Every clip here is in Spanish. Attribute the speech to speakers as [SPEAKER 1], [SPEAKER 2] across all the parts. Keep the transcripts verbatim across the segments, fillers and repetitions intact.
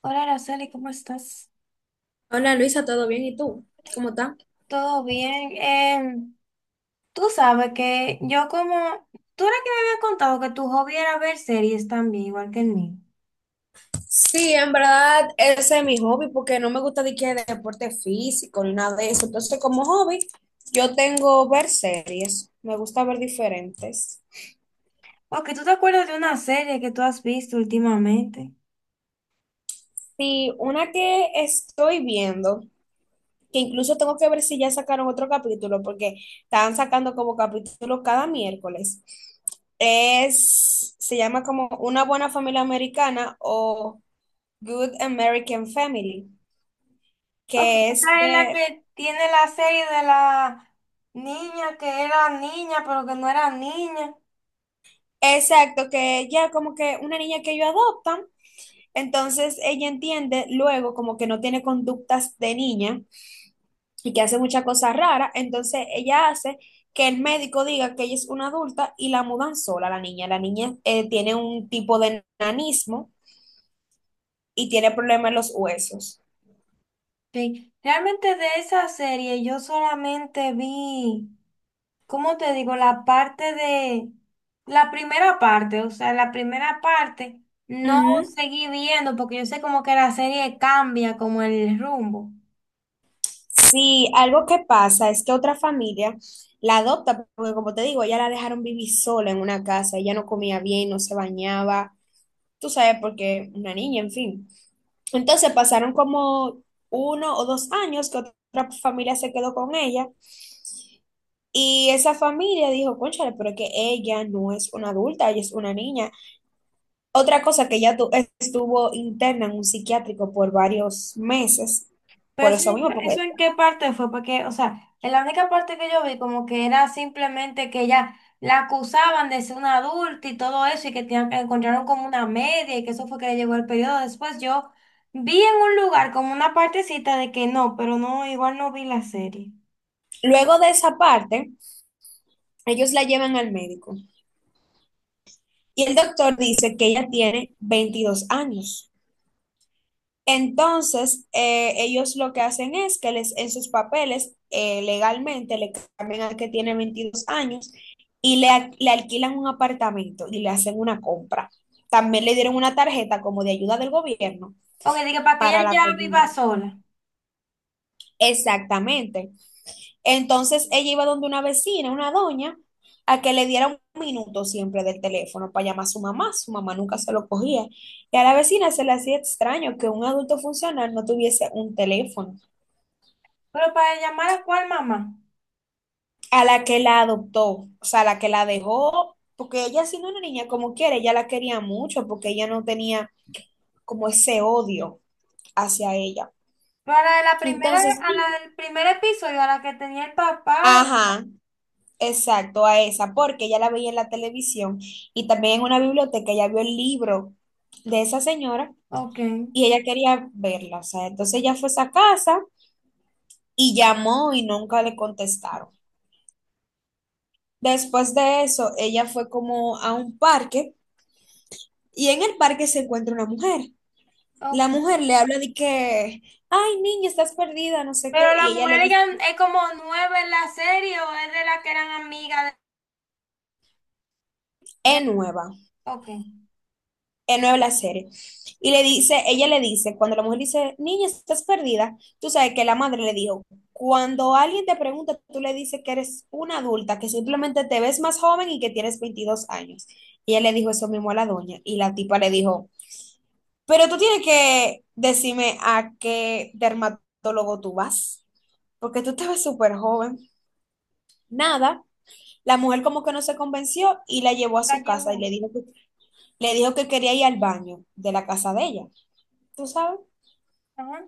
[SPEAKER 1] Hola, Araceli, ¿cómo estás?
[SPEAKER 2] Hola Luisa, ¿todo bien? ¿Y tú? ¿Cómo estás?
[SPEAKER 1] ¿Todo bien? Em, tú sabes que yo como... Tú eres que me habías contado que tu hobby era ver series también, igual que el mío.
[SPEAKER 2] Sí, en verdad ese es mi hobby porque no me gusta de que deporte físico ni nada de eso. Entonces, como hobby, yo tengo ver series, me gusta ver diferentes.
[SPEAKER 1] Porque tú te acuerdas de una serie que tú has visto últimamente.
[SPEAKER 2] Sí, una que estoy viendo, que incluso tengo que ver si ya sacaron otro capítulo porque estaban sacando como capítulos cada miércoles. Es, se llama como Una buena familia americana o Good American Family,
[SPEAKER 1] Porque
[SPEAKER 2] que es
[SPEAKER 1] esa es la
[SPEAKER 2] de...
[SPEAKER 1] que tiene la serie de la niña que era niña, pero que no era niña.
[SPEAKER 2] Exacto, que ella como que una niña que ellos adoptan, entonces ella entiende luego como que no tiene conductas de niña y que hace muchas cosas raras, entonces ella hace que el médico diga que ella es una adulta y la mudan sola a la niña. La niña eh, tiene un tipo de nanismo y tiene problemas en los huesos.
[SPEAKER 1] Sí, realmente de esa serie yo solamente vi, ¿cómo te digo? La parte de, la primera parte, o sea, la primera parte no
[SPEAKER 2] Ujú.
[SPEAKER 1] seguí viendo porque yo sé como que la serie cambia como el rumbo.
[SPEAKER 2] Sí, algo que pasa es que otra familia la adopta, porque como te digo, ella la dejaron vivir sola en una casa, ella no comía bien, no se bañaba, tú sabes, porque una niña, en fin. Entonces pasaron como uno o dos años que otra familia se quedó con ella y esa familia dijo, cónchale, pero es que ella no es una adulta, ella es una niña. Otra cosa que ella tu- estuvo interna en un psiquiátrico por varios meses,
[SPEAKER 1] Pero
[SPEAKER 2] por
[SPEAKER 1] eso,
[SPEAKER 2] eso
[SPEAKER 1] no
[SPEAKER 2] mismo,
[SPEAKER 1] fue- ¿eso
[SPEAKER 2] porque
[SPEAKER 1] en qué parte fue? Porque, o sea, en la única parte que yo vi como que era simplemente que ella la acusaban de ser una adulta y todo eso y que tenían- que encontraron como una media y que eso fue que le llegó el periodo. Después yo vi en un lugar como una partecita de que no, pero no, igual no vi la serie.
[SPEAKER 2] luego de esa parte, ellos la llevan al médico y el doctor dice que ella tiene veintidós años. Entonces, eh, ellos lo que hacen es que les, en sus papeles eh, legalmente le cambian al que tiene veintidós años y le, a- le alquilan un apartamento y le hacen una compra. También le dieron una tarjeta como de ayuda del gobierno
[SPEAKER 1] Ok, dije, para que
[SPEAKER 2] para
[SPEAKER 1] ella
[SPEAKER 2] la
[SPEAKER 1] ya
[SPEAKER 2] comida.
[SPEAKER 1] viva sola.
[SPEAKER 2] Exactamente. Entonces, ella iba donde una vecina, una doña, a que le diera un minuto siempre del teléfono para llamar a su mamá. Su mamá nunca se lo cogía. Y a la vecina se le hacía extraño que un adulto funcional no tuviese un teléfono.
[SPEAKER 1] Pero para llamar a cuál mamá.
[SPEAKER 2] A la que la adoptó, o sea, a la que la dejó, porque ella siendo una niña como quiere, ella la quería mucho porque ella no tenía como ese odio hacia ella.
[SPEAKER 1] Para la primera,
[SPEAKER 2] Entonces,
[SPEAKER 1] a la del primer episodio, a la que tenía el papá.
[SPEAKER 2] ajá, exacto, a esa, porque ella la veía en la televisión y también en una biblioteca, ella vio el libro de esa señora
[SPEAKER 1] Ok,
[SPEAKER 2] y ella quería verla, o sea, entonces ella fue a esa casa y llamó y nunca le contestaron. Después de eso, ella fue como a un parque y en el parque se encuentra una mujer. La
[SPEAKER 1] ok.
[SPEAKER 2] mujer le habla de que, ay, niña, estás perdida, no sé qué,
[SPEAKER 1] Pero las
[SPEAKER 2] y ella le
[SPEAKER 1] mujeres
[SPEAKER 2] dice,
[SPEAKER 1] eran- es como nueve en la serie o es de las que eran amigas de...
[SPEAKER 2] es nueva,
[SPEAKER 1] Ok,
[SPEAKER 2] es nueva la serie. Y le dice, ella le dice, cuando la mujer dice, niña, estás perdida, tú sabes que la madre le dijo, cuando alguien te pregunta, tú le dices que eres una adulta, que simplemente te ves más joven y que tienes veintidós años. Y ella le dijo eso mismo a la doña, y la tipa le dijo, pero tú tienes que decirme a qué dermatólogo tú vas, porque tú te ves súper joven. Nada, la mujer como que no se convenció y la llevó a
[SPEAKER 1] la
[SPEAKER 2] su casa y
[SPEAKER 1] llevó.
[SPEAKER 2] le dijo que, le dijo que quería ir al baño de la casa de ella, ¿tú sabes?
[SPEAKER 1] Ajá.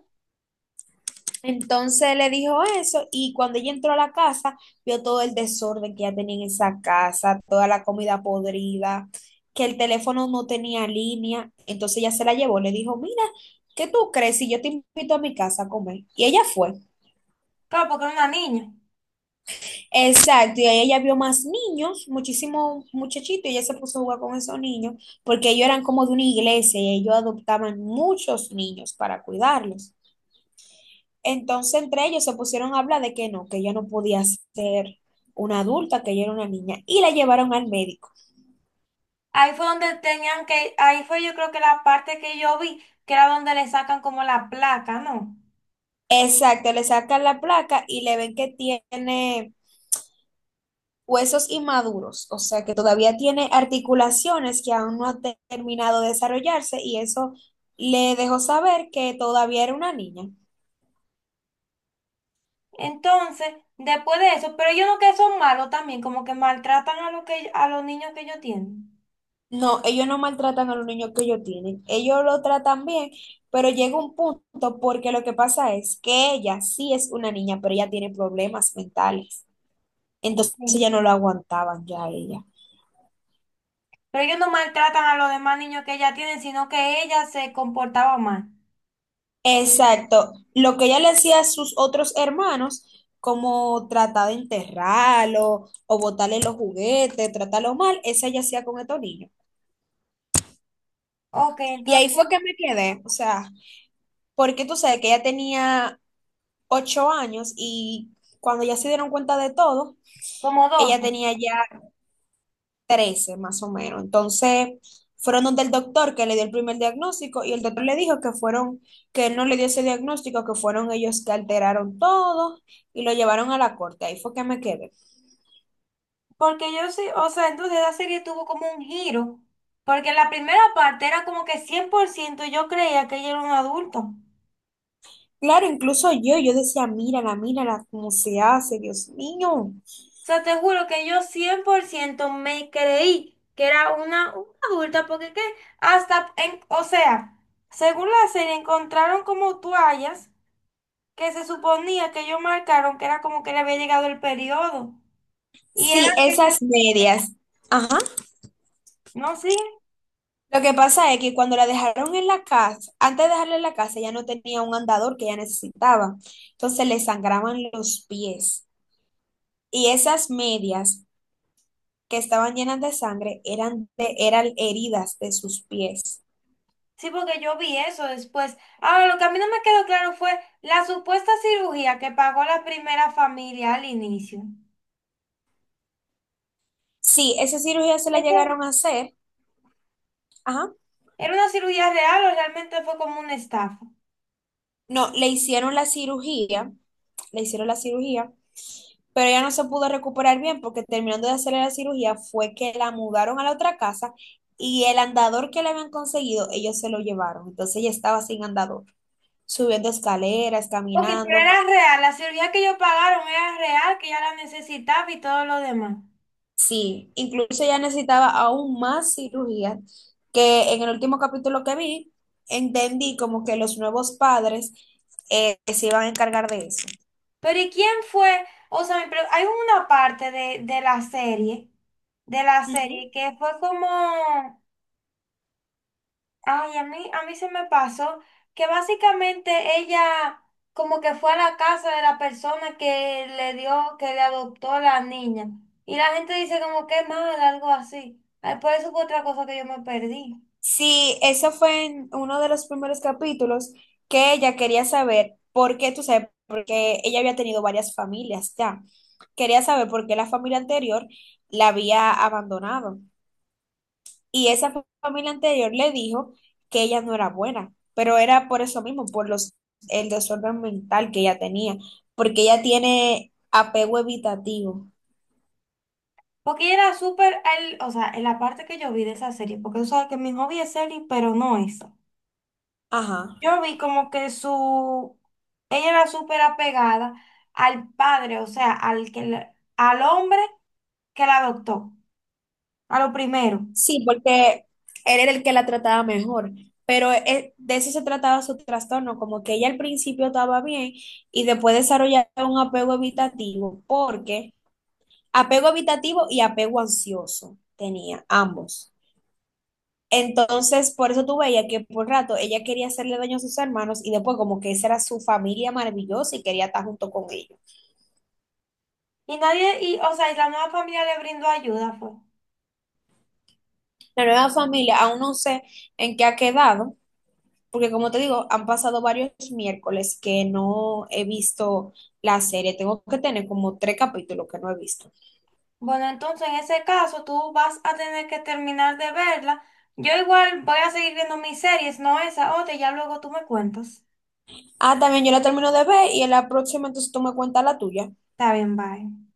[SPEAKER 2] Entonces le dijo eso y cuando ella entró a la casa vio todo el desorden que ya tenía en esa casa, toda la comida podrida, que el teléfono no tenía línea, entonces ella se la llevó, le dijo, mira, ¿qué tú crees si yo te invito a mi casa a comer? Y ella fue.
[SPEAKER 1] Claro, porque era una niña.
[SPEAKER 2] Exacto, y ahí ella vio más niños, muchísimos muchachitos, y ella se puso a jugar con esos niños, porque ellos eran como de una iglesia y ellos adoptaban muchos niños para cuidarlos. Entonces entre ellos se pusieron a hablar de que no, que ella no podía ser una adulta, que ella era una niña, y la llevaron al médico.
[SPEAKER 1] Ahí fue donde tenían que... Ahí fue yo creo que la parte que yo vi, que era donde le sacan como la placa, ¿no?
[SPEAKER 2] Exacto, le sacan la placa y le ven que tiene huesos inmaduros, o sea que todavía tiene articulaciones que aún no han te- terminado de desarrollarse y eso le dejó saber que todavía era una niña.
[SPEAKER 1] Entonces, después de eso, pero ellos no que son malos también, como que maltratan a, los que, a los niños que ellos tienen.
[SPEAKER 2] No, ellos no maltratan a los niños que ellos tienen, ellos lo tratan bien, pero llega un punto porque lo que pasa es que ella sí es una niña, pero ella tiene problemas mentales, entonces
[SPEAKER 1] Sí.
[SPEAKER 2] ya no lo aguantaban ya a ella.
[SPEAKER 1] Pero ellos no maltratan a los demás niños que ella tienen sino que ella se comportaba mal.
[SPEAKER 2] Exacto. Lo que ella le hacía a sus otros hermanos, como tratar de enterrarlo o botarle los juguetes, tratarlo mal, esa ella hacía con estos niños.
[SPEAKER 1] Ok,
[SPEAKER 2] Y ahí
[SPEAKER 1] entonces,
[SPEAKER 2] fue que me quedé, o sea, porque tú sabes que ella tenía ocho años y cuando ya se dieron cuenta de todo,
[SPEAKER 1] como doce.
[SPEAKER 2] ella tenía ya trece más o menos. Entonces, fueron donde el doctor que le dio el primer diagnóstico y el doctor le dijo que fueron, que él no le dio ese diagnóstico, que fueron ellos que alteraron todo y lo llevaron a la corte. Ahí fue que me quedé.
[SPEAKER 1] Porque yo sí, o sea, entonces esa serie tuvo como un giro. Porque la primera parte era como que cien por ciento yo creía que ella era un adulto. O
[SPEAKER 2] Claro, incluso yo, yo decía, mírala, mírala, cómo se hace, Dios mío.
[SPEAKER 1] sea, te juro que yo cien por ciento me creí que era una, una adulta, porque que hasta, en, o sea, según la serie encontraron como toallas que se suponía que ellos marcaron que era como que le había llegado el periodo. Y era
[SPEAKER 2] Sí,
[SPEAKER 1] que ella,
[SPEAKER 2] esas medias. Ajá.
[SPEAKER 1] no, sí.
[SPEAKER 2] Lo que pasa es que cuando la dejaron en la casa, antes de dejarla en la casa, ya no tenía un andador que ella necesitaba. Entonces le sangraban los pies. Y esas medias que estaban llenas de sangre eran, de- eran heridas de sus pies.
[SPEAKER 1] Sí, porque yo vi eso después. Ahora, lo que a mí no me quedó claro fue la supuesta cirugía que pagó la primera familia al inicio.
[SPEAKER 2] Sí, esa cirugía se la
[SPEAKER 1] ¿Ese
[SPEAKER 2] llegaron a hacer. Ajá.
[SPEAKER 1] ¿era una cirugía real o realmente fue como una estafa?
[SPEAKER 2] No, le hicieron la cirugía, le hicieron la cirugía, pero ella no se pudo recuperar bien porque terminando de hacerle la cirugía fue que la mudaron a la otra casa y el andador que le habían conseguido, ellos se lo llevaron. Entonces ella estaba sin andador, subiendo escaleras,
[SPEAKER 1] Ok, pero
[SPEAKER 2] caminando.
[SPEAKER 1] era real. La cirugía que ellos pagaron era real, que ya la necesitaba y todo lo demás.
[SPEAKER 2] Sí, incluso ella necesitaba aún más cirugía, que en el último capítulo que vi, entendí como que los nuevos padres eh, se iban a encargar de eso.
[SPEAKER 1] Pero ¿y quién fue? O sea, mi pre- hay una parte de, de la serie, de la
[SPEAKER 2] Ujú.
[SPEAKER 1] serie que fue como... Ay, a mí, a mí se me pasó que básicamente ella como que fue a la casa de la persona que le dio, que le adoptó a la niña. Y la gente dice como que mal, algo así. Ay, por eso fue otra cosa que yo me perdí.
[SPEAKER 2] Sí, eso fue en uno de los primeros capítulos que ella quería saber por qué, tú sabes, porque ella había tenido varias familias ya. Quería saber por qué la familia anterior la había abandonado. Y esa fa- familia anterior le dijo que ella no era buena, pero era por eso mismo, por los, el desorden mental que ella tenía, porque ella tiene apego evitativo.
[SPEAKER 1] Porque ella era súper, el- o sea, en la parte que yo vi de esa serie, porque tú sabes que mi hobby es serie, pero no esa.
[SPEAKER 2] Ajá.
[SPEAKER 1] Yo vi como que su, ella era súper apegada al padre, o sea, al que, le- al hombre que la adoptó, a lo primero.
[SPEAKER 2] Sí, porque él era el que la trataba mejor, pero eh, de eso se trataba su trastorno, como que ella al principio estaba bien y después desarrollaba un apego evitativo, porque apego evitativo y apego ansioso tenía ambos. Entonces, por eso tú veías que por rato ella quería hacerle daño a sus hermanos y después como que esa era su familia maravillosa y quería estar junto con ellos.
[SPEAKER 1] Y nadie, y, o sea, y la nueva familia le brindó ayuda, fue.
[SPEAKER 2] La nueva familia, aún no sé en qué ha quedado, porque como te digo, han pasado varios miércoles que no he visto la serie. Tengo que tener como tres capítulos que no he visto.
[SPEAKER 1] Bueno, entonces en ese caso tú vas a tener que terminar de verla. Yo igual voy a seguir viendo mis series, no esa otra, y ya luego tú me cuentas.
[SPEAKER 2] Ah, también yo la termino de ver y en la próxima entonces tú me cuentas la tuya.
[SPEAKER 1] Está bien, bye.